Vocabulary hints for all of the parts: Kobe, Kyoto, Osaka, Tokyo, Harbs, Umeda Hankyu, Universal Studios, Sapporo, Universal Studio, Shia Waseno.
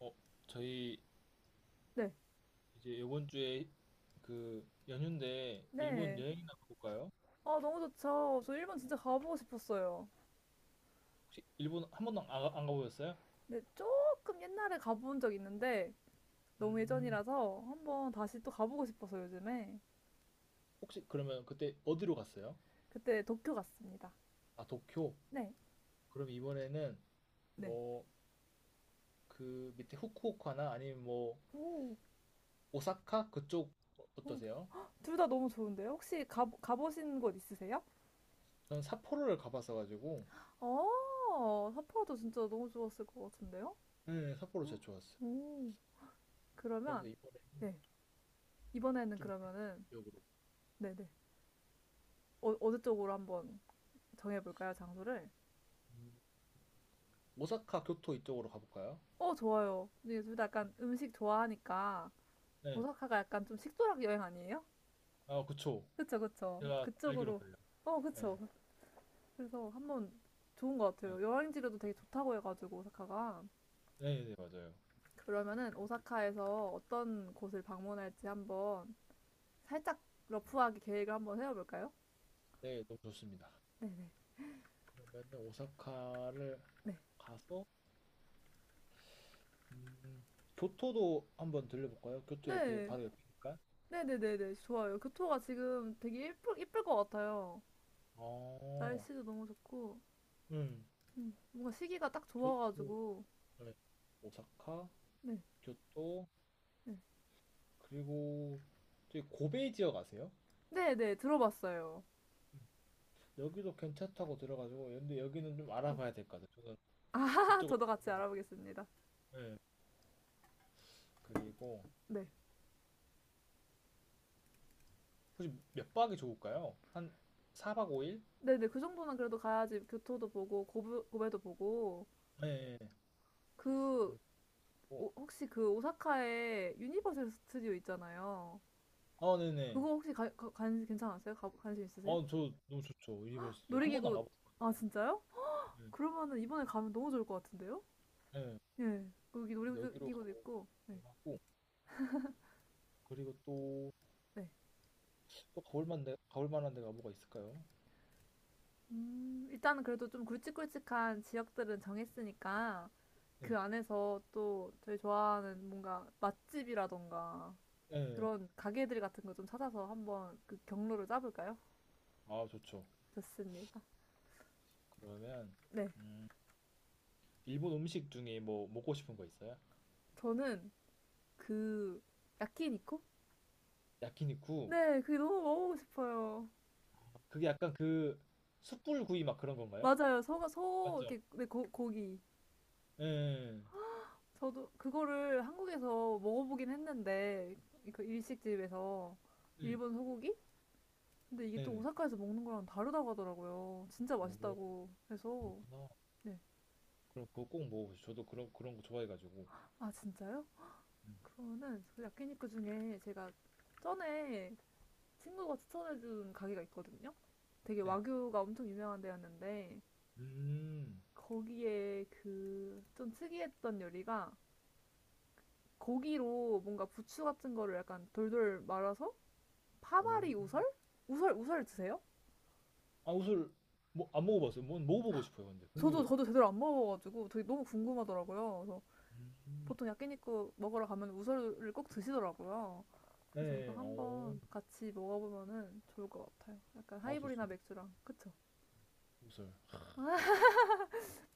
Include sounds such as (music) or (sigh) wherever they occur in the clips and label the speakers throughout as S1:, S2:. S1: 어, 저희
S2: 네.
S1: 이제 이번 주에 그 연휴인데 일본
S2: 네.
S1: 여행이나 가볼까요?
S2: 아, 너무 좋죠. 저 일본 진짜 가보고 싶었어요.
S1: 혹시 일본 한 번도 안 가보셨어요?
S2: 근데 조금 옛날에 가본 적 있는데 너무
S1: 음,
S2: 예전이라서 한번 다시 또 가보고 싶어서 요즘에
S1: 혹시 그러면 그때 어디로 갔어요?
S2: 그때 도쿄 갔습니다.
S1: 아, 도쿄.
S2: 네.
S1: 그럼 이번에는
S2: 네.
S1: 뭐 그 밑에 후쿠오카나 아니면 뭐
S2: 오,
S1: 오사카 그쪽
S2: 오.
S1: 어떠세요?
S2: 둘 다 너무 좋은데요? 혹시 가보신 곳 있으세요?
S1: 저는 삿포로를 가봤어 가지고
S2: 삿포로도 진짜 너무 좋았을 것 같은데요?
S1: 네, 삿포로 진짜 좋았어요.
S2: 오,
S1: 그래서
S2: 그러면,
S1: 이번에
S2: 네. 이번에는
S1: 좀 밑에
S2: 그러면은,
S1: 지역으로
S2: 네네. 어느 쪽으로 한번 정해볼까요, 장소를?
S1: 음, 오사카 교토 이쪽으로 가볼까요?
S2: 어, 좋아요. 근데 둘 다 약간 음식 좋아하니까
S1: 네.
S2: 오사카가 약간 좀 식도락 여행 아니에요?
S1: 아, 그쵸.
S2: 그쵸, 그쵸.
S1: 제가 알기론
S2: 그쪽으로.
S1: 그래요.
S2: 어,
S1: 네.
S2: 그쵸. 그래서 한번 좋은 것
S1: 네,
S2: 같아요. 여행지로도 되게 좋다고 해가지고 오사카가.
S1: 네, 네, 맞아요.
S2: 그러면은 오사카에서 어떤 곳을 방문할지 한번 살짝 러프하게 계획을 한번 세워볼까요?
S1: 네, 너무 좋습니다.
S2: 네네.
S1: 그러면은 오사카를
S2: 네.
S1: 가서 음, 교토도 한번 들려볼까요? 교토 옆에
S2: 네.
S1: 바로 옆이니까.
S2: 네네네네. 좋아요. 교토가 지금 되게 예쁠 것 같아요.
S1: 어,
S2: 날씨도 너무 좋고,
S1: 음,
S2: 뭔가 시기가 딱
S1: 교토,
S2: 좋아가지고,
S1: 네. 오사카,
S2: 네.
S1: 교토,
S2: 네.
S1: 그리고 저기 고베 지역 아세요?
S2: 네네, 들어봤어요.
S1: 음, 여기도 괜찮다고 들어가지고 근데 여기는 좀 알아봐야 될 것 같아요. 저는
S2: 아,
S1: 이쪽으로
S2: 저도
S1: 잘
S2: 같이
S1: 몰라가지고.
S2: 알아보겠습니다.
S1: 네. 그리고
S2: 네.
S1: 혹시 몇 박이 좋을까요? 한 4박 5일?
S2: 네네, 그 정도는 그래도 가야지 교토도 보고, 고베도 보고,
S1: 네.
S2: 그,
S1: 그렇고
S2: 혹시 그 오사카에 유니버설 스튜디오 있잖아요.
S1: 아, 네네.
S2: 그거 혹시 괜찮았어요? 관심
S1: 아,
S2: 있으세요?
S1: 저 너무 좋죠. 유니버스. 한 번도 안
S2: 놀이기구, 아,
S1: 가봤어가지고.
S2: 진짜요?
S1: 네.
S2: 그러면은 이번에 가면 너무 좋을 것 같은데요?
S1: 네.
S2: 예. 거기
S1: 여기로
S2: 놀이기구도
S1: 가보고
S2: 있고, 네.
S1: 하고 그리고 또,
S2: 네.
S1: 또 가볼 만데, 가볼 만한 데가 뭐가 있을까요?
S2: 일단은 그래도 좀 굵직굵직한 지역들은 정했으니까
S1: 네.
S2: 그 안에서 또 저희 좋아하는 뭔가 맛집이라던가
S1: 네.
S2: 그런 가게들 같은 거 좀 찾아서 한번 그 경로를 짜볼까요?
S1: 아, 좋죠.
S2: 좋습니다.
S1: 그러면
S2: 네,
S1: 음, 일본 음식 중에 뭐 먹고 싶은 거 있어요?
S2: 저는 그 야키니코?
S1: 야키니쿠.
S2: 네, 그게 너무 먹어보고 싶어요.
S1: 그게 약간 그 숯불 구이 막 그런 건가요?
S2: 맞아요. 소,
S1: 맞죠?
S2: 이렇게, 네, 고기.
S1: 네.
S2: 저도 그거를 한국에서 먹어보긴 했는데, 그 일식집에서
S1: 네.
S2: 일본 소고기? 근데 이게 또
S1: 네네.
S2: 오사카에서 먹는 거랑 다르다고 하더라고요. 진짜
S1: 어,
S2: 맛있다고 해서.
S1: 그렇구나.
S2: 네.
S1: 그럼 그거 꼭 먹어보죠. 저도 그런 거 좋아해가지고.
S2: 아, 진짜요?
S1: 음.
S2: 그거는 그 야키니쿠 중에 제가 전에 친구가 추천해준 가게가 있거든요. 되게
S1: 네.
S2: 와규가 엄청 유명한 데였는데
S1: 음.
S2: 거기에 그 좀 특이했던 요리가 고기로 뭔가 부추 같은 거를 약간 돌돌 말아서
S1: 오.
S2: 파마리 우설? 우설 드세요?
S1: 아웃을 뭐 안 먹어봤어요. 뭐 먹어보고 싶어요. 근데
S2: 저도
S1: 궁금해.
S2: 저도 제대로 안 먹어가지고 되게 너무 궁금하더라고요. 그래서
S1: 음.
S2: 보통 야끼니쿠 먹으러 가면 우설을 꼭 드시더라고요. 그래서 이거
S1: 네,
S2: 한번 같이 먹어보면은 좋을 것 같아요. 약간
S1: 아
S2: 하이볼이나
S1: 좋습니다.
S2: 맥주랑. 그쵸?
S1: 우설 아, 맛있겠다.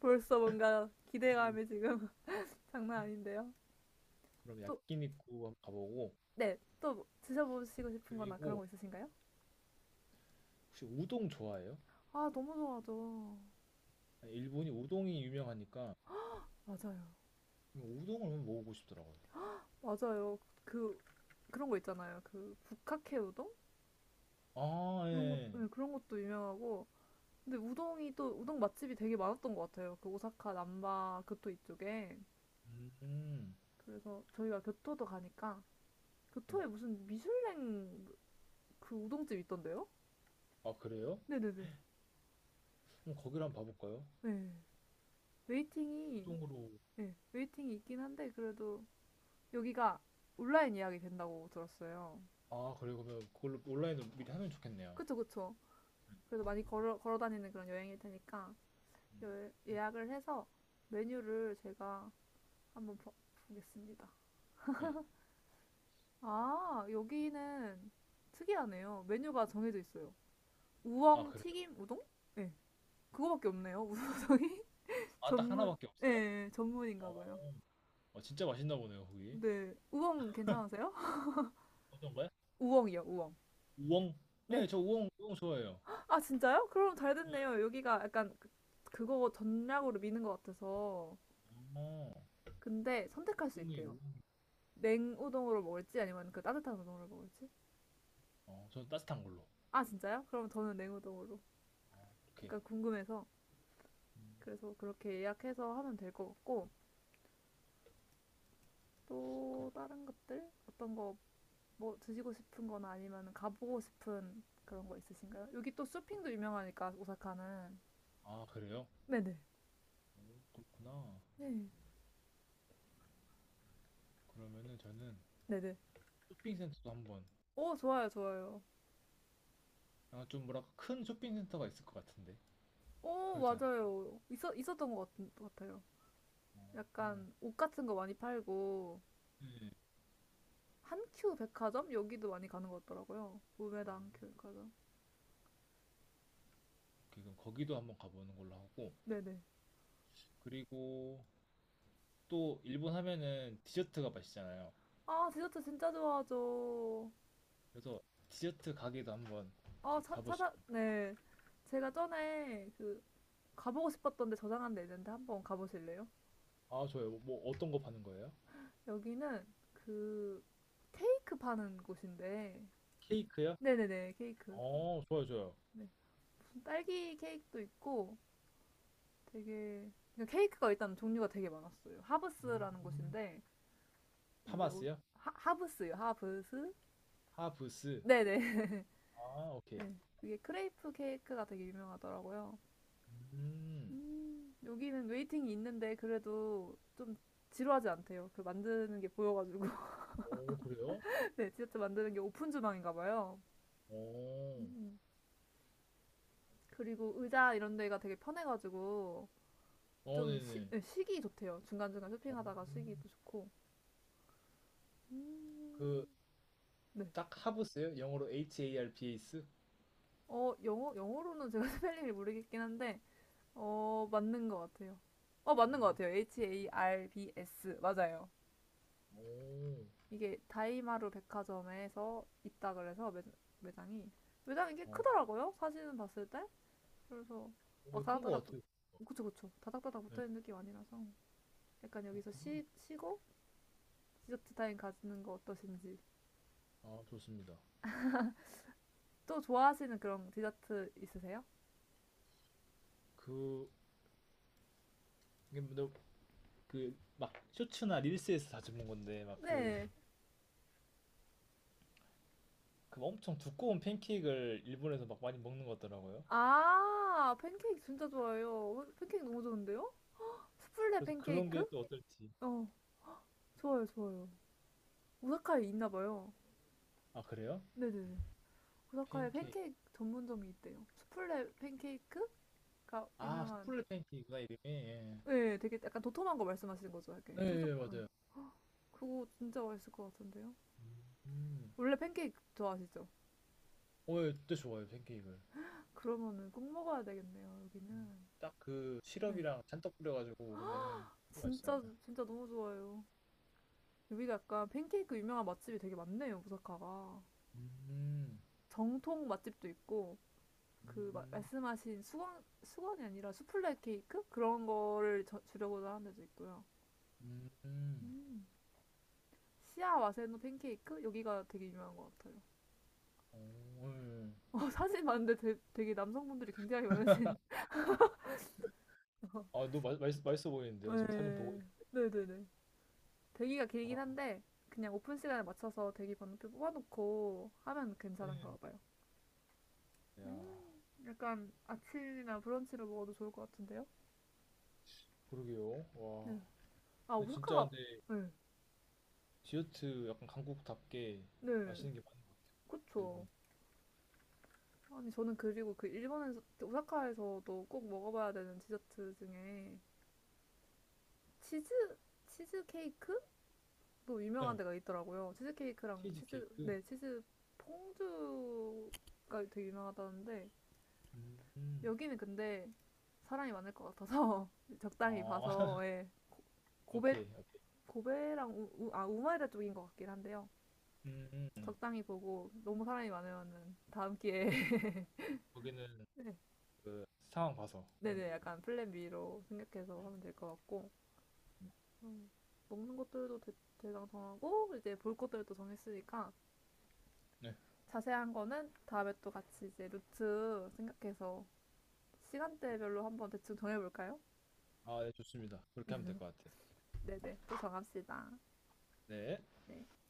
S2: 벌써 뭔가
S1: 음,
S2: 기대감이 지금 (laughs) 장난 아닌데요.
S1: 그럼
S2: 또,
S1: 야끼니쿠 한번 가보고
S2: 네. 또 드셔보시고 싶은 거나 그런
S1: 그리고
S2: 거 있으신가요?
S1: 혹시 우동 좋아해요?
S2: 아, 너무 좋아하죠.
S1: 아니, 일본이 우동이 유명하니까
S2: 맞아요.
S1: 우동을 한번 먹어보고 싶더라고요.
S2: 맞아요. 그, 그런 거 있잖아요. 그, 북카케 우동?
S1: 아,
S2: 그런 것,
S1: 예.
S2: 네, 그런 것도 유명하고. 근데 우동이 또, 우동 맛집이 되게 많았던 것 같아요. 그 오사카 남바 그또 이쪽에.
S1: 음,
S2: 그래서 저희가 교토도 가니까
S1: 네.
S2: 교토에 무슨 미슐랭 그 우동집 있던데요?
S1: 아 그래요?
S2: 네네네.
S1: 그럼 거기를 한번 봐볼까요?
S2: 네. 웨이팅이
S1: 우동으로.
S2: 네, 웨이팅이 있긴 한데 그래도 여기가 온라인 예약이 된다고 들었어요.
S1: 아 그래 그러면 그걸로 온라인으로 미리 하면 좋겠네요.
S2: 그쵸 그쵸. 그래서 많이 걸어 걸어 다니는 그런 여행일 테니까
S1: 음,
S2: 예약을 해서 메뉴를 제가 한번 보겠습니다.
S1: 네. 아
S2: 아 여기는 특이하네요. 메뉴가 정해져 있어요.
S1: 아,
S2: 우엉
S1: 그래요?
S2: 튀김 우동? 네. 그거밖에 없네요. (laughs) 우엉
S1: 아 딱
S2: 전문,
S1: 하나밖에
S2: 예,
S1: 없어요?
S2: 예, 전문인가 봐요.
S1: 어. 아, 진짜 맛있나 보네요, 거기.
S2: 네. 우엉 괜찮으세요? (laughs)
S1: 어떤 거요?
S2: 우엉이요, 우엉.
S1: 우엉? 네,
S2: 네.
S1: 저 우엉, 우엉 좋아해요.
S2: 아, 진짜요? 그럼 잘
S1: 네.
S2: 됐네요. 여기가 약간 그거 전략으로 미는 것 같아서.
S1: 어,
S2: 근데 선택할 수
S1: 우엉이,
S2: 있대요.
S1: 우엉이.
S2: 냉우동으로 먹을지 아니면 그 따뜻한 우동으로 먹을지.
S1: 저는 따뜻한 걸로.
S2: 아, 진짜요? 그럼 저는 냉우동으로.
S1: 오케이.
S2: 그러니까 궁금해서.
S1: 음,
S2: 그래서 그렇게 예약해서 하면 될 것 같고.
S1: 그-
S2: 또 다른 것들? 어떤 거 뭐 드시고 싶은 거나 아니면 가보고 싶은 그런 거 있으신가요? 여기 또 쇼핑도 유명하니까 오사카는
S1: 아, 그래요?
S2: 네네.
S1: 오, 그렇구나.
S2: 네.
S1: 그러면은 저는
S2: 네네.
S1: 쇼핑센터도 한번,
S2: 오, 좋아요, 좋아요.
S1: 아, 좀 뭐랄까, 큰 쇼핑센터가 있을 것 같은데.
S2: 오,
S1: 그렇지 않을까?
S2: 맞아요. 있었던 것 같 같아요.
S1: 어, 어.
S2: 약간 옷 같은 거 많이 팔고,
S1: 네.
S2: 한큐 백화점? 여기도 많이 가는 것 같더라고요.
S1: 어,
S2: 우메다 한큐 백화점.
S1: 오케이, 그럼 거기도 한번 가보는 걸로 하고.
S2: 네네.
S1: 그리고 또 일본 하면은 디저트가 맛있잖아요.
S2: 아, 디저트 진짜 좋아하죠.
S1: 그래서 디저트 가게도 한번
S2: 아,
S1: 봐보시
S2: 네. 제가 전에 가보고 싶었던데 저장한 데 있는데 한번 가보실래요?
S1: 아, 좋아요. 뭐 어떤 거 파는 거예요?
S2: 여기는 그, 케이크 파는 곳인데,
S1: 케이크요?
S2: 네네네, 케이크.
S1: 좋아요, 좋아요.
S2: 네. 무슨 딸기 케이크도 있고, 되게 그러니까 케이크가 일단 종류가 되게 많았어요. 하브스라는
S1: 음,
S2: 곳인데 이게 오-
S1: 파마스요?
S2: 하브스요. 하브스?
S1: 하브스.
S2: 네네. (laughs)
S1: 아, 오케이.
S2: 네. 이게 크레이프 케이크가 되게 유명하더라고요.
S1: 음,
S2: 여기는 웨이팅이 있는데 그래도 좀 지루하지 않대요. 그 만드는 게 보여가지고. (laughs)
S1: 오, 그래요?
S2: 네, 디저트 만드는 게 오픈 주방인가 봐요.
S1: 오,
S2: 음. 그리고 의자 이런 데가 되게 편해가지고 좀
S1: 네네.
S2: 네, 쉬기 좋대요. 중간중간
S1: 어,
S2: 쇼핑하다가 쉬기도 좋고.
S1: 그,
S2: 음, 네.
S1: 딱 하브스요? 영어로 H-A-R-B-S?
S2: 영어로는 제가 (laughs) 스펠링을 모르겠긴 한데, 맞는 것 같아요. 맞는 것
S1: 음,
S2: 같아요. Harbs. 맞아요.
S1: 오,
S2: 이게 다이마루 백화점에서 있다 그래서 매장이, 매장이 꽤
S1: 어,
S2: 크더라고요. 사진은 봤을 때. 그래서 막
S1: 오, 큰거
S2: 다닥다닥,
S1: 같아요.
S2: 그쵸, 그쵸. 다닥다닥
S1: 네,
S2: 붙어 있는 느낌 아니라서. 약간 여기서
S1: 그렇구나.
S2: 쉬고 디저트 타임 가지는 거 어떠신지.
S1: 아, 좋습니다.
S2: 또 좋아하시는 그런 디저트 있으세요?
S1: 그, 이게 근데 그, 막, 쇼츠나 릴스에서 자주 본 건데, 막 그,
S2: 네.
S1: 그 엄청 두꺼운 팬케이크를 일본에서 막 많이 먹는 것 같더라고요.
S2: 아, 팬케이크 진짜 좋아요. 팬케이크 너무 좋은데요? 수플레
S1: 그래서 그런 게
S2: 팬케이크?
S1: 또 어떨지.
S2: 어, 좋아요, 좋아요. 오사카에 있나 봐요.
S1: 아, 그래요?
S2: 네네네. 오사카에
S1: 팬케이크.
S2: 팬케이크 전문점이 있대요. 수플레 팬케이크가
S1: 아,
S2: 유명한,
S1: 수플레 팬케이크구나, 이름이. 예.
S2: 네, 되게 약간 도톰한 거 말씀하시는 거죠, 이렇게.
S1: 네, 예,
S2: 촉촉한. 네.
S1: 맞아요.
S2: 그거 진짜 맛있을 것 같은데요?
S1: 음, 음,
S2: 원래 팬케이크 좋아하시죠?
S1: 예, 진짜 좋아요, 팬케이크를.
S2: 그러면은 꼭 먹어야 되겠네요,
S1: 음.
S2: 여기는.
S1: 딱 그
S2: 네.
S1: 시럽이랑 잔뜩 뿌려가지고 먹으면은 진짜
S2: 진짜,
S1: 맛있잖아요.
S2: 진짜 너무 좋아요. 여기가 약간 팬케이크 유명한 맛집이 되게 많네요, 오사카가.
S1: 음,
S2: 정통 맛집도 있고, 그
S1: 음,
S2: 말씀하신 수건 수건이 아니라 수플레 케이크 그런 거를 주려고도 하는 데도 있고요.
S1: 음,
S2: 음, 시아 와세노 팬케이크 여기가 되게 유명한 것 같아요.
S1: 오, 예.
S2: 사진 봤는데 되게 남성분들이 굉장히 많으신.
S1: 아,
S2: (laughs)
S1: 너무 맛있어 보이는데요. 지금 사진 보고
S2: 네,
S1: 있...
S2: 네네네. 대기가
S1: 아,
S2: 길긴 한데 그냥 오픈 시간에 맞춰서 대기 번호표 뽑아놓고 하면 괜찮은가
S1: 네.
S2: 봐요.
S1: 야,
S2: 약간 아침이나 브런치를 먹어도 좋을 것 같은데요?
S1: 그러게요. 와,
S2: 네. 아
S1: 근데 진짜
S2: 오사카가
S1: 근데
S2: 네,
S1: 디저트 약간 한국답게
S2: 네,
S1: 맛있는 게 많은 것 같아요.
S2: 그쵸.
S1: 일본.
S2: 아니 저는 그리고 그 일본에서 오사카에서도 꼭 먹어봐야 되는 디저트 중에 치즈 치즈 케이크도 유명한
S1: 네.
S2: 데가 있더라고요. 치즈 케이크랑 치즈
S1: 치즈케이크.
S2: 네, 치즈 퐁듀가 되게 유명하다는데
S1: 음.
S2: 여기는 근데 사람이 많을 것 같아서 (laughs) 적당히
S1: 어,
S2: 봐서
S1: (laughs)
S2: 예 고베
S1: 오케이, 오케이.
S2: 고베랑 아 우마이라 쪽인 것 같긴 한데요.
S1: 음, 음,
S2: 적당히 보고 너무 사람이 많으면은 다음
S1: 음.
S2: 기회에 (laughs)
S1: 거기는
S2: 네.
S1: 그 상황 봐서 하는
S2: 네네
S1: 걸로.
S2: 약간 플랜 B로 생각해서
S1: 네.
S2: 하면 될 것 같고 음, 먹는 것들도 대강 정하고 이제 볼 것들도 정했으니까
S1: 네.
S2: 자세한 거는 다음에 또 같이 이제 루트 생각해서 시간대별로 한번 대충 정해볼까요?
S1: 아, 네, 좋습니다. 그렇게 하면 될 것 같아요.
S2: 네네, 또 정합시다.
S1: 네.
S2: 네.